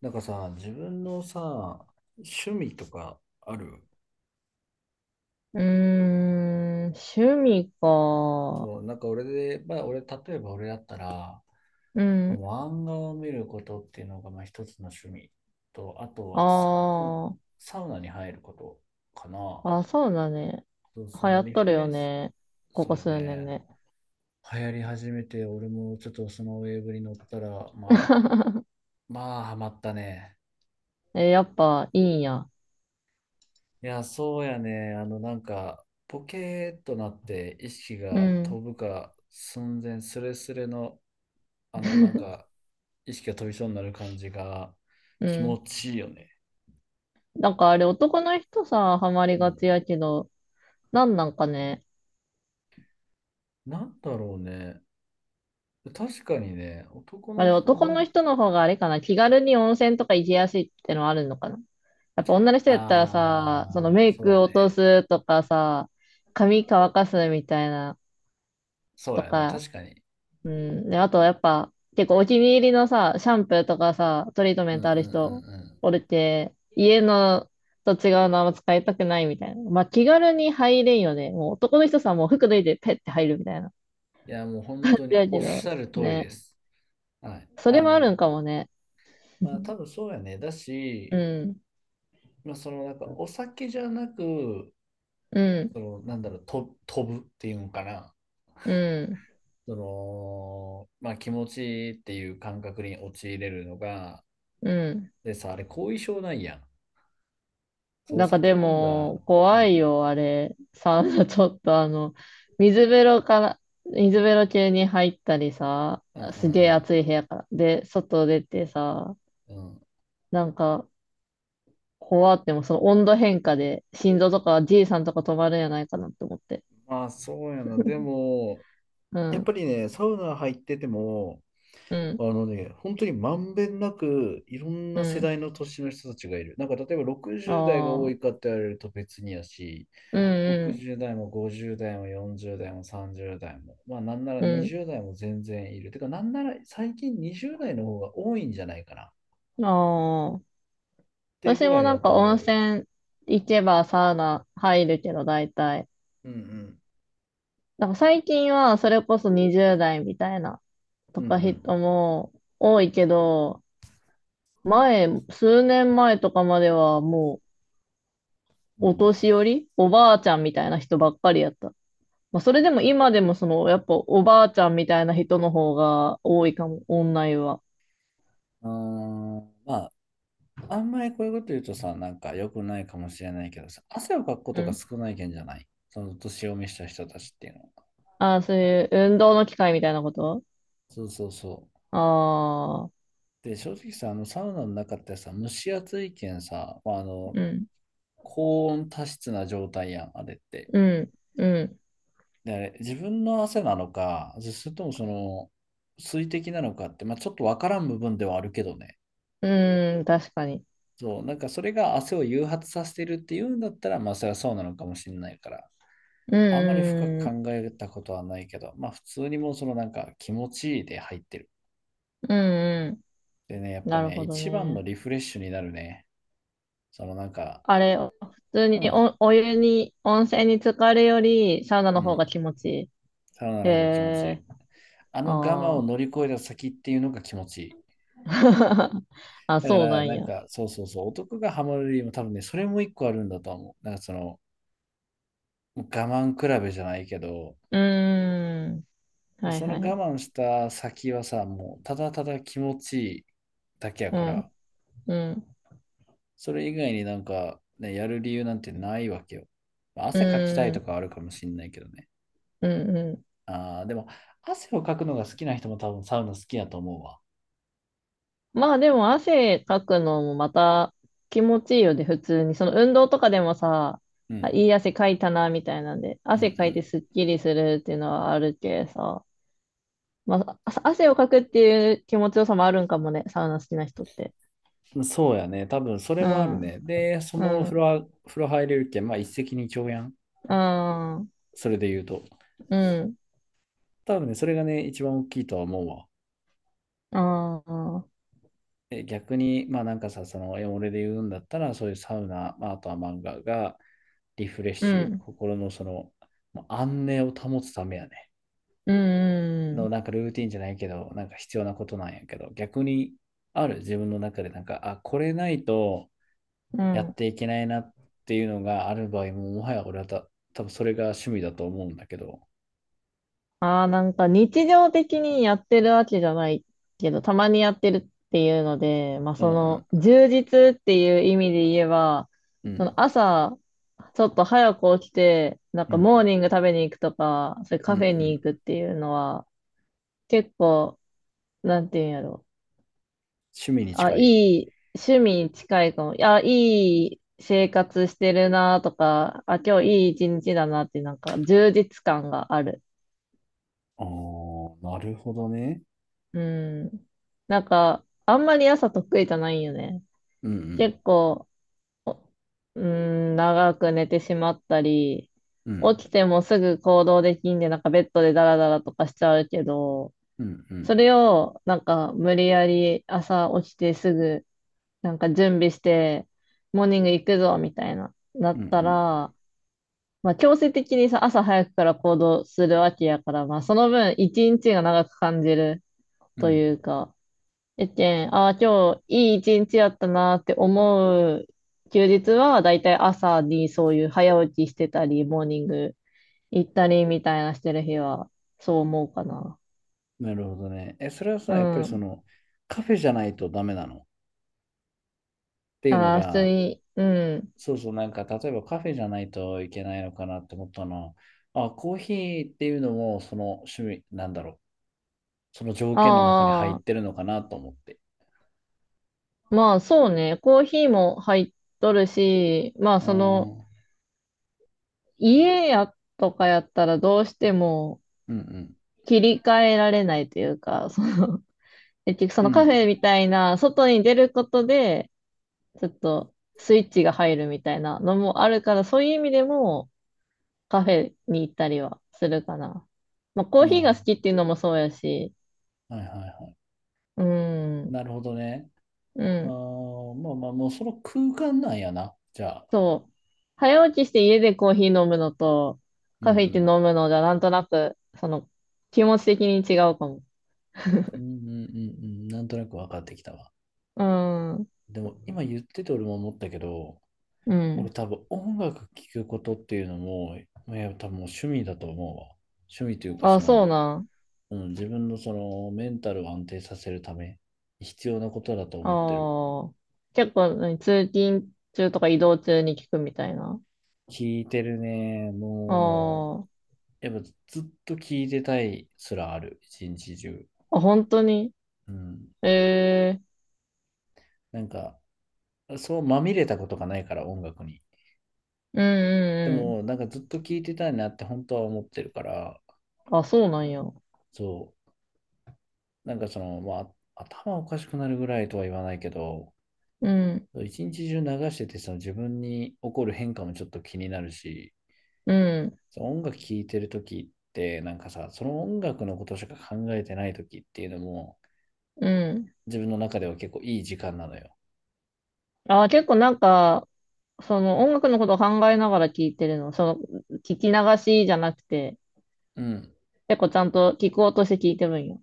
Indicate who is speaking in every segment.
Speaker 1: なんかさ、自分のさ、趣味とかある？
Speaker 2: うーん、趣味か。
Speaker 1: そう、なんか俺で、まあ俺、例えば俺だったら、
Speaker 2: うん。
Speaker 1: 漫画を見ることっていうのがまあ一つの趣味と、あと
Speaker 2: あ
Speaker 1: はウ、サウナに入ることかな。
Speaker 2: あ、あ、そうだね。
Speaker 1: そうそう、
Speaker 2: 流
Speaker 1: ま
Speaker 2: 行
Speaker 1: あ
Speaker 2: っ
Speaker 1: リ
Speaker 2: と
Speaker 1: フ
Speaker 2: る
Speaker 1: レ
Speaker 2: よ
Speaker 1: ッシ
Speaker 2: ね。
Speaker 1: ュ、
Speaker 2: こ
Speaker 1: そ
Speaker 2: こ
Speaker 1: うだ
Speaker 2: 数年
Speaker 1: ね。
Speaker 2: ね。
Speaker 1: 流行り始めて、俺もちょっとそのウェーブに乗ったら、まあ、まあ、ハマったね。
Speaker 2: え、やっぱいいんや。
Speaker 1: いや、そうやね。あの、なんか、ポケーっとなって意識
Speaker 2: う
Speaker 1: が飛
Speaker 2: ん、
Speaker 1: ぶか寸前、スレスレの、あの、なんか、意識が飛びそうになる感じが
Speaker 2: う
Speaker 1: 気
Speaker 2: ん。
Speaker 1: 持ちいいよね。
Speaker 2: なんかあれ男の人さ、ハマり
Speaker 1: う
Speaker 2: が
Speaker 1: ん。
Speaker 2: ちやけど、なんなんかね。
Speaker 1: なんだろうね。確かにね、男
Speaker 2: あ
Speaker 1: の
Speaker 2: れ
Speaker 1: 人
Speaker 2: 男の
Speaker 1: の、
Speaker 2: 人の方があれかな。気軽に温泉とか行きやすいってのはあるのかな。やっぱ女の人やったらさ、その
Speaker 1: ああ、
Speaker 2: メイ
Speaker 1: そう
Speaker 2: ク
Speaker 1: や
Speaker 2: 落と
Speaker 1: ね。
Speaker 2: すとかさ、髪乾かすみたいな
Speaker 1: そう
Speaker 2: と
Speaker 1: やね。
Speaker 2: か、
Speaker 1: 確かに。
Speaker 2: うん。で、あとやっぱ、結構お気に入りのさ、シャンプーとかさ、トリートメ
Speaker 1: うん
Speaker 2: ン
Speaker 1: うん
Speaker 2: ト
Speaker 1: う
Speaker 2: ある
Speaker 1: ん
Speaker 2: 人、
Speaker 1: うん。
Speaker 2: おるて、家のと違うのあんま使いたくないみたいな。まあ気軽に入れんよね。もう男の人さ、もう服脱いでペッて入るみたいな。
Speaker 1: いや、もう本当に
Speaker 2: だ
Speaker 1: お
Speaker 2: け
Speaker 1: っし
Speaker 2: ど、
Speaker 1: ゃる通り
Speaker 2: ね。
Speaker 1: です。はい。
Speaker 2: それ
Speaker 1: あ
Speaker 2: もある
Speaker 1: の、
Speaker 2: んかもね。
Speaker 1: まあ、多 分そうやね。だ
Speaker 2: う
Speaker 1: し、
Speaker 2: ん。
Speaker 1: まあ、そのなんかお酒じゃなく
Speaker 2: う
Speaker 1: そ
Speaker 2: ん。
Speaker 1: の、なんだろう、と飛ぶっていうのかな。
Speaker 2: うん。
Speaker 1: その、まあ、気持ちいいっていう感覚に陥れるのが、
Speaker 2: うん。
Speaker 1: でさ、あれ、後遺症ないやん。そう、お
Speaker 2: なんか
Speaker 1: 酒
Speaker 2: で
Speaker 1: 飲んだ、
Speaker 2: も、
Speaker 1: う
Speaker 2: 怖
Speaker 1: ん、
Speaker 2: いよ、あれ。サウナ、ちょっと、水風呂から、水風呂中に入ったりさ、
Speaker 1: うんう
Speaker 2: すげえ
Speaker 1: ん
Speaker 2: 暑い部屋から。で、外出てさ、
Speaker 1: うん。うん。
Speaker 2: なんか、怖っても、その温度変化で、心臓とか、じいさんとか止まるんじゃないかなって思って。
Speaker 1: まあ、そうやな。でも、
Speaker 2: う
Speaker 1: やっぱ
Speaker 2: ん、
Speaker 1: りね、サウナ入ってても、
Speaker 2: う
Speaker 1: あ
Speaker 2: ん、
Speaker 1: のね、本当にまんべんなく、いろん
Speaker 2: う
Speaker 1: な世
Speaker 2: ん。
Speaker 1: 代の年の人たちがいる。なんか、例えば60代が多
Speaker 2: ああ、
Speaker 1: いかって言われると別にやし、
Speaker 2: うん、
Speaker 1: 60代も50代も40代も30代も、まあなんなら
Speaker 2: うん、
Speaker 1: 20代も全然いる。てか、なんなら最近20代の方が多いんじゃないかなっ
Speaker 2: うん。ああ。
Speaker 1: て
Speaker 2: 私
Speaker 1: ぐら
Speaker 2: も
Speaker 1: い
Speaker 2: な
Speaker 1: や
Speaker 2: ん
Speaker 1: と
Speaker 2: か
Speaker 1: 思
Speaker 2: 温
Speaker 1: うよ。
Speaker 2: 泉行けばサウナ入るけど、大体。
Speaker 1: うんうん。
Speaker 2: な最近はそれこそ20代みたいな
Speaker 1: う
Speaker 2: とか
Speaker 1: ん
Speaker 2: 人も多いけど、前、数年前とかまではも
Speaker 1: うん。
Speaker 2: う
Speaker 1: う
Speaker 2: お
Speaker 1: ん
Speaker 2: 年寄り、おばあちゃんみたいな人ばっかりやった。まあ、それでも今でもその、やっぱおばあちゃんみたいな人の方が多いかも、オンラインは。
Speaker 1: うん。あーまあ、あんまりこういうこと言うとさ、なんか良くないかもしれないけどさ、汗をかくこ
Speaker 2: う
Speaker 1: とが
Speaker 2: ん。
Speaker 1: 少ないけんじゃないその年を召した人たちっていうのは。
Speaker 2: ああ、そういう運動の機会みたいなこと
Speaker 1: そうそうそう。
Speaker 2: ああー、
Speaker 1: で、正直さ、あのサウナの中ってさ、蒸し暑いけんさ、まあ、あの、
Speaker 2: うん、
Speaker 1: 高温多湿な状態やん、あれって。
Speaker 2: うん、うん、
Speaker 1: で、自分の汗なのか、それともその水滴なのかって、まあ、ちょっとわからん部分ではあるけどね。
Speaker 2: うん、確かに。
Speaker 1: そう、なんかそれが汗を誘発させてるっていうんだったら、まあそれはそうなのかもしれないから、
Speaker 2: う
Speaker 1: あんまり深く
Speaker 2: ん、うん、
Speaker 1: 考えたことはないけど、まあ普通にもうそのなんか気持ちいいで入ってる。
Speaker 2: うん、う
Speaker 1: でね、や
Speaker 2: ん。
Speaker 1: っぱ
Speaker 2: なる
Speaker 1: ね、
Speaker 2: ほど
Speaker 1: 一番の
Speaker 2: ね。
Speaker 1: リフレッシュになるね。そのなんか、
Speaker 2: あれ、普通
Speaker 1: う
Speaker 2: に
Speaker 1: ん、
Speaker 2: お、お湯に、温泉に浸かるより、サウナの
Speaker 1: う
Speaker 2: 方が
Speaker 1: ん、
Speaker 2: 気持ちいい。
Speaker 1: サウナ
Speaker 2: へ
Speaker 1: の方が気持ちいい。
Speaker 2: えー、
Speaker 1: あの我慢を
Speaker 2: あ
Speaker 1: 乗り越えた先っていうのが気持ちいい。
Speaker 2: あ、あ
Speaker 1: だか
Speaker 2: そうな
Speaker 1: ら、
Speaker 2: ん
Speaker 1: なん
Speaker 2: や。う
Speaker 1: か、そうそうそう、男がハマる理由も多分ね、それも一個あるんだと思う。なんかその、我慢比べじゃないけど、
Speaker 2: ーん。はい
Speaker 1: その
Speaker 2: は
Speaker 1: 我慢
Speaker 2: い。
Speaker 1: した先はさ、もうただただ気持ちいいだけや
Speaker 2: う
Speaker 1: から、
Speaker 2: ん、うん、
Speaker 1: それ以外になんか、ね、やる理由なんてないわけよ。まあ
Speaker 2: う
Speaker 1: 汗かきたいとか
Speaker 2: ん、
Speaker 1: あるかもしんないけどね。
Speaker 2: うん、うん。
Speaker 1: ああ、でも、汗をかくのが好きな人も多分サウナ好きやと思うわ。
Speaker 2: まあでも汗かくのもまた気持ちいいよね、普通に。その運動とかでもさ、
Speaker 1: う
Speaker 2: あ、
Speaker 1: ん、
Speaker 2: いい汗かいたな、みたいなんで、
Speaker 1: う
Speaker 2: 汗かいて
Speaker 1: ん、
Speaker 2: すっきりするっていうのはあるけさ。まあ、あ汗をかくっていう気持ちよさもあるんかもね、サウナ好きな人って。
Speaker 1: うん。そうやね。多分それ
Speaker 2: う
Speaker 1: もある
Speaker 2: ん、
Speaker 1: ね。で、そ
Speaker 2: う
Speaker 1: の風呂
Speaker 2: ん、
Speaker 1: は、風呂入れるけん、まあ一石二鳥やん。
Speaker 2: うん、
Speaker 1: それで言うと。
Speaker 2: うん、
Speaker 1: 多分ね、それがね、一番大きいとは思うわ。
Speaker 2: ああ、
Speaker 1: え、逆に、まあなんかさ、その、俺で言うんだったら、そういうサウナ、まあ、あとは漫画がリフレッ
Speaker 2: う
Speaker 1: シュ、
Speaker 2: ん、
Speaker 1: 心のその、まあ安寧を保つためやね。
Speaker 2: う
Speaker 1: の、
Speaker 2: ん、
Speaker 1: なんかルーティンじゃないけど、なんか必要なことなんやけど、逆にある自分の中で、なんか、あ、これないと
Speaker 2: う
Speaker 1: やっ
Speaker 2: ん。
Speaker 1: ていけないなっていうのがある場合も、もはや俺は多分それが趣味だと思うんだけど、
Speaker 2: ああ、日常的にやってるわけじゃないけど、たまにやってるっていうので、まあ
Speaker 1: うん
Speaker 2: そ
Speaker 1: うん、
Speaker 2: の充実っていう意味で言えば、
Speaker 1: う
Speaker 2: そ
Speaker 1: ん、
Speaker 2: の朝、ちょっと早く起きて、なん
Speaker 1: う
Speaker 2: か
Speaker 1: ん、
Speaker 2: モーニング食べに行くとか、それ
Speaker 1: うん、
Speaker 2: カ
Speaker 1: う
Speaker 2: フェに行
Speaker 1: ん、
Speaker 2: くっていうのは、結構、なんていうんやろ
Speaker 1: 趣味に
Speaker 2: あ、
Speaker 1: 近
Speaker 2: い
Speaker 1: い。
Speaker 2: い、趣味に近いかも。いや、いい生活してるなとか、あ、今日いい一日だなって、なんか充実感がある。
Speaker 1: ああ、なるほどね。
Speaker 2: うん。なんか、あんまり朝得意じゃないよね。
Speaker 1: うんうん。
Speaker 2: 結構、うん、長く寝てしまったり、
Speaker 1: うん
Speaker 2: 起きてもすぐ行動できんで、なんかベッドでダラダラとかしちゃうけど、
Speaker 1: うんうん
Speaker 2: それを、なんか無理やり朝起きてすぐ、なんか準備して、モーニング行くぞ、みたいな、な
Speaker 1: うんう
Speaker 2: った
Speaker 1: ん。
Speaker 2: ら、まあ、強制的にさ、朝早くから行動するわけやから、まあ、その分、一日が長く感じる
Speaker 1: う
Speaker 2: と
Speaker 1: ん、
Speaker 2: いうか、えっけん、ああ、今日いい一日やったなって思う休日は、だいたい朝にそういう早起きしてたり、モーニング行ったりみたいなしてる日は、そう思うかな。
Speaker 1: なるほどね。え、それは
Speaker 2: う
Speaker 1: さ、やっぱりそ
Speaker 2: ん。
Speaker 1: のカフェじゃないとダメなのっていうの
Speaker 2: ああ、普通
Speaker 1: が、
Speaker 2: に、うん。
Speaker 1: そうそう、なんか例えばカフェじゃないといけないのかなって思ったのは、あ、コーヒーっていうのもその趣味、なんだろう、その条件の中に入っ
Speaker 2: あ
Speaker 1: てるのかなと思って。
Speaker 2: あ、まあそうね、コーヒーも入っとるし、まあ
Speaker 1: う
Speaker 2: そ
Speaker 1: ん
Speaker 2: の、
Speaker 1: うん
Speaker 2: 家やとかやったらどうしても、
Speaker 1: うん。
Speaker 2: 切り替えられないというか、その、結局そ
Speaker 1: う
Speaker 2: のカフ
Speaker 1: ん。
Speaker 2: ェみたいな、外に出ることで、ちょっとスイッチが入るみたいなのもあるから、そういう意味でもカフェに行ったりはするかな。まあ、コーヒーが好き
Speaker 1: あ、
Speaker 2: っていうのもそうやし、
Speaker 1: はいはいは
Speaker 2: う
Speaker 1: い。
Speaker 2: ん、
Speaker 1: なるほどね。
Speaker 2: う
Speaker 1: あ
Speaker 2: ん、
Speaker 1: ーまあまあ、もうその空間なんやな。じゃあ。
Speaker 2: そう。早起きして家でコーヒー飲むのと、
Speaker 1: うんう
Speaker 2: カフェ行って飲
Speaker 1: ん。
Speaker 2: むのじゃ、なんとなく、その、気持ち的に違うかも。
Speaker 1: うんうんうんうん。なんとなく分かってきたわ。
Speaker 2: うん、
Speaker 1: でも今言ってて俺も思ったけど、
Speaker 2: う
Speaker 1: 俺
Speaker 2: ん。
Speaker 1: 多分音楽聴くことっていうのも、まあ、やっぱ多分もう趣味だと思うわ。趣味というか
Speaker 2: あ、
Speaker 1: そ
Speaker 2: そう
Speaker 1: の、
Speaker 2: なん。
Speaker 1: うん、自分のそのメンタルを安定させるために必要なことだと思ってる。
Speaker 2: ああ。結構、何通勤中とか移動中に聞くみたいな。
Speaker 1: 聴いてるね。も
Speaker 2: あ
Speaker 1: う、やっぱずっと聴いてたいすらある。一日中。
Speaker 2: あ。あ、本当に
Speaker 1: うん。
Speaker 2: ええ
Speaker 1: なんか、そうまみれたことがないから音楽に。
Speaker 2: うん
Speaker 1: で
Speaker 2: う
Speaker 1: も、
Speaker 2: ん
Speaker 1: なんかずっと聴いてたいなって本当は思ってるから、
Speaker 2: うん。あ、そうなんや。う
Speaker 1: そう。なんかその、まあ、頭おかしくなるぐらいとは言わないけど、
Speaker 2: ん、
Speaker 1: 一日中流してて、その自分に起こる変化もちょっと気になるし、
Speaker 2: うん、
Speaker 1: その音楽聴いてる時って、なんかさ、その音楽のことしか考えてない時っていうのも、
Speaker 2: うん。
Speaker 1: 自分の中では結構いい時間なのよ。
Speaker 2: あ、結構なんか、その音楽のことを考えながら聞いてるの。その、聞き流しじゃなくて、
Speaker 1: うん。
Speaker 2: 結構ちゃんと聞こうとして聞いてるんよ。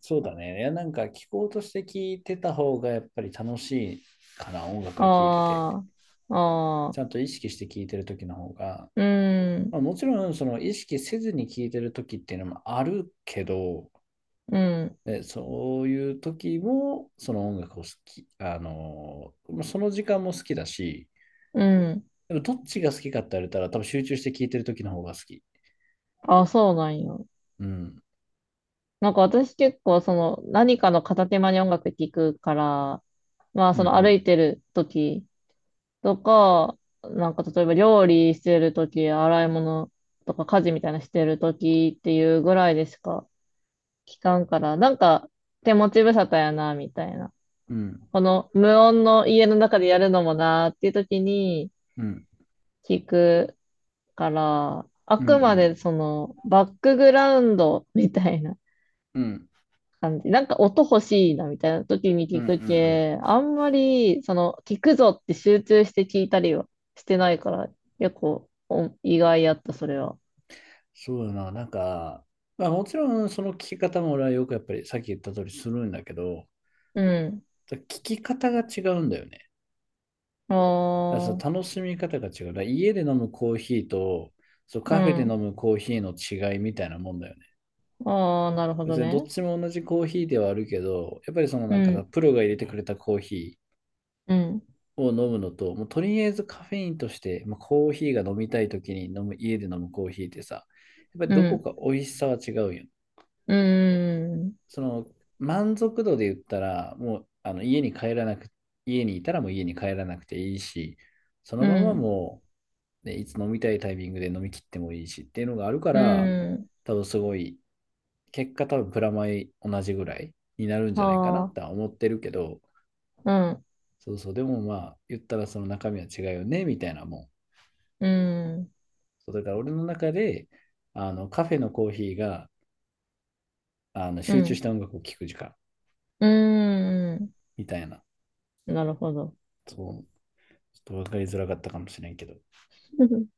Speaker 1: そうだね。いや、なんか聞こうとして聞いてた方がやっぱり楽しいかな、音楽は聞いてて。
Speaker 2: ああ、ああ、
Speaker 1: ちゃんと意識して聞いてる時の方が、
Speaker 2: うん、
Speaker 1: まあ、もちろんその意識せずに聞いてる時っていうのもあるけど、
Speaker 2: うん、
Speaker 1: で、そういう時も、その音楽を好き、あのその時間も好きだし、
Speaker 2: うん。
Speaker 1: でもどっちが好きかって言われたら、多分集中して聴いてる時の方が好き。
Speaker 2: あ、そうなんや。
Speaker 1: うん。
Speaker 2: なんか私結構その何かの片手間に音楽聴くから、まあ
Speaker 1: うん
Speaker 2: そ
Speaker 1: う
Speaker 2: の歩
Speaker 1: ん。
Speaker 2: いてる時とか、なんか例えば料理してる時、洗い物とか家事みたいなしてる時っていうぐらいでしか聞かんから、なんか手持ち無沙汰やな、みたいな。
Speaker 1: うん。
Speaker 2: この無音の家の中でやるのもなっていう時に
Speaker 1: うん。
Speaker 2: 聞くから、あ
Speaker 1: う
Speaker 2: くま
Speaker 1: ん。
Speaker 2: でそのバックグラウンドみたいな。
Speaker 1: うん。うん。
Speaker 2: 感じ。なんか音欲しいなみたいな時に
Speaker 1: うん。
Speaker 2: 聞
Speaker 1: う
Speaker 2: く
Speaker 1: ん、
Speaker 2: け、あんまり、その、聞くぞって集中して聞いたりはしてないから、結構意外やった、それは。
Speaker 1: そうだな。なんか、まあもちろんその聴き方も俺はよくやっぱりさっき言った通りするんだけど、
Speaker 2: うん。
Speaker 1: 聴き方が違うんだよね。だから
Speaker 2: あ
Speaker 1: 楽しみ方が違う。だから家で飲むコーヒーと、そう
Speaker 2: あ、う
Speaker 1: カフェで飲
Speaker 2: ん。
Speaker 1: むコーヒーの違いみたいなもんだよね。
Speaker 2: ああ、なるほど
Speaker 1: 別にどっ
Speaker 2: ね。
Speaker 1: ちも同じコーヒーではあるけど、やっぱりそのな
Speaker 2: う
Speaker 1: んかさ、
Speaker 2: ん、
Speaker 1: プロが入れてくれたコーヒ
Speaker 2: うん、
Speaker 1: ーを飲むのと、もうとりあえずカフェインとして、まあ、コーヒーが飲みたい時に飲む、家で飲むコーヒーってさ、やっぱり
Speaker 2: う
Speaker 1: どこ
Speaker 2: ん、
Speaker 1: か美味しさは違うよ。
Speaker 2: うん、
Speaker 1: その満足度で言ったら、もうあの家に帰らなく、家にいたらもう家に帰らなくていいし、その
Speaker 2: う
Speaker 1: まま
Speaker 2: ん、
Speaker 1: もう、ね、いつ飲みたいタイミングで飲み切ってもいいしっていうのがあるか
Speaker 2: う
Speaker 1: ら、
Speaker 2: ん、
Speaker 1: 多分すごい結果多分プラマイ同じぐらいになるんじゃないかな
Speaker 2: あ
Speaker 1: っ
Speaker 2: あ、
Speaker 1: て思ってるけど、
Speaker 2: うん、
Speaker 1: そうそう、でもまあ、言ったらその中身は違うよね、みたいなもん。
Speaker 2: うん、
Speaker 1: そうだから俺の中で、あの、カフェのコーヒーが、あの、
Speaker 2: う
Speaker 1: 集中した
Speaker 2: ん、
Speaker 1: 音楽を聴く時間、
Speaker 2: うん、
Speaker 1: みたいな。
Speaker 2: なるほど。
Speaker 1: そう、ちょっと分かりづらかったかもしれんけど。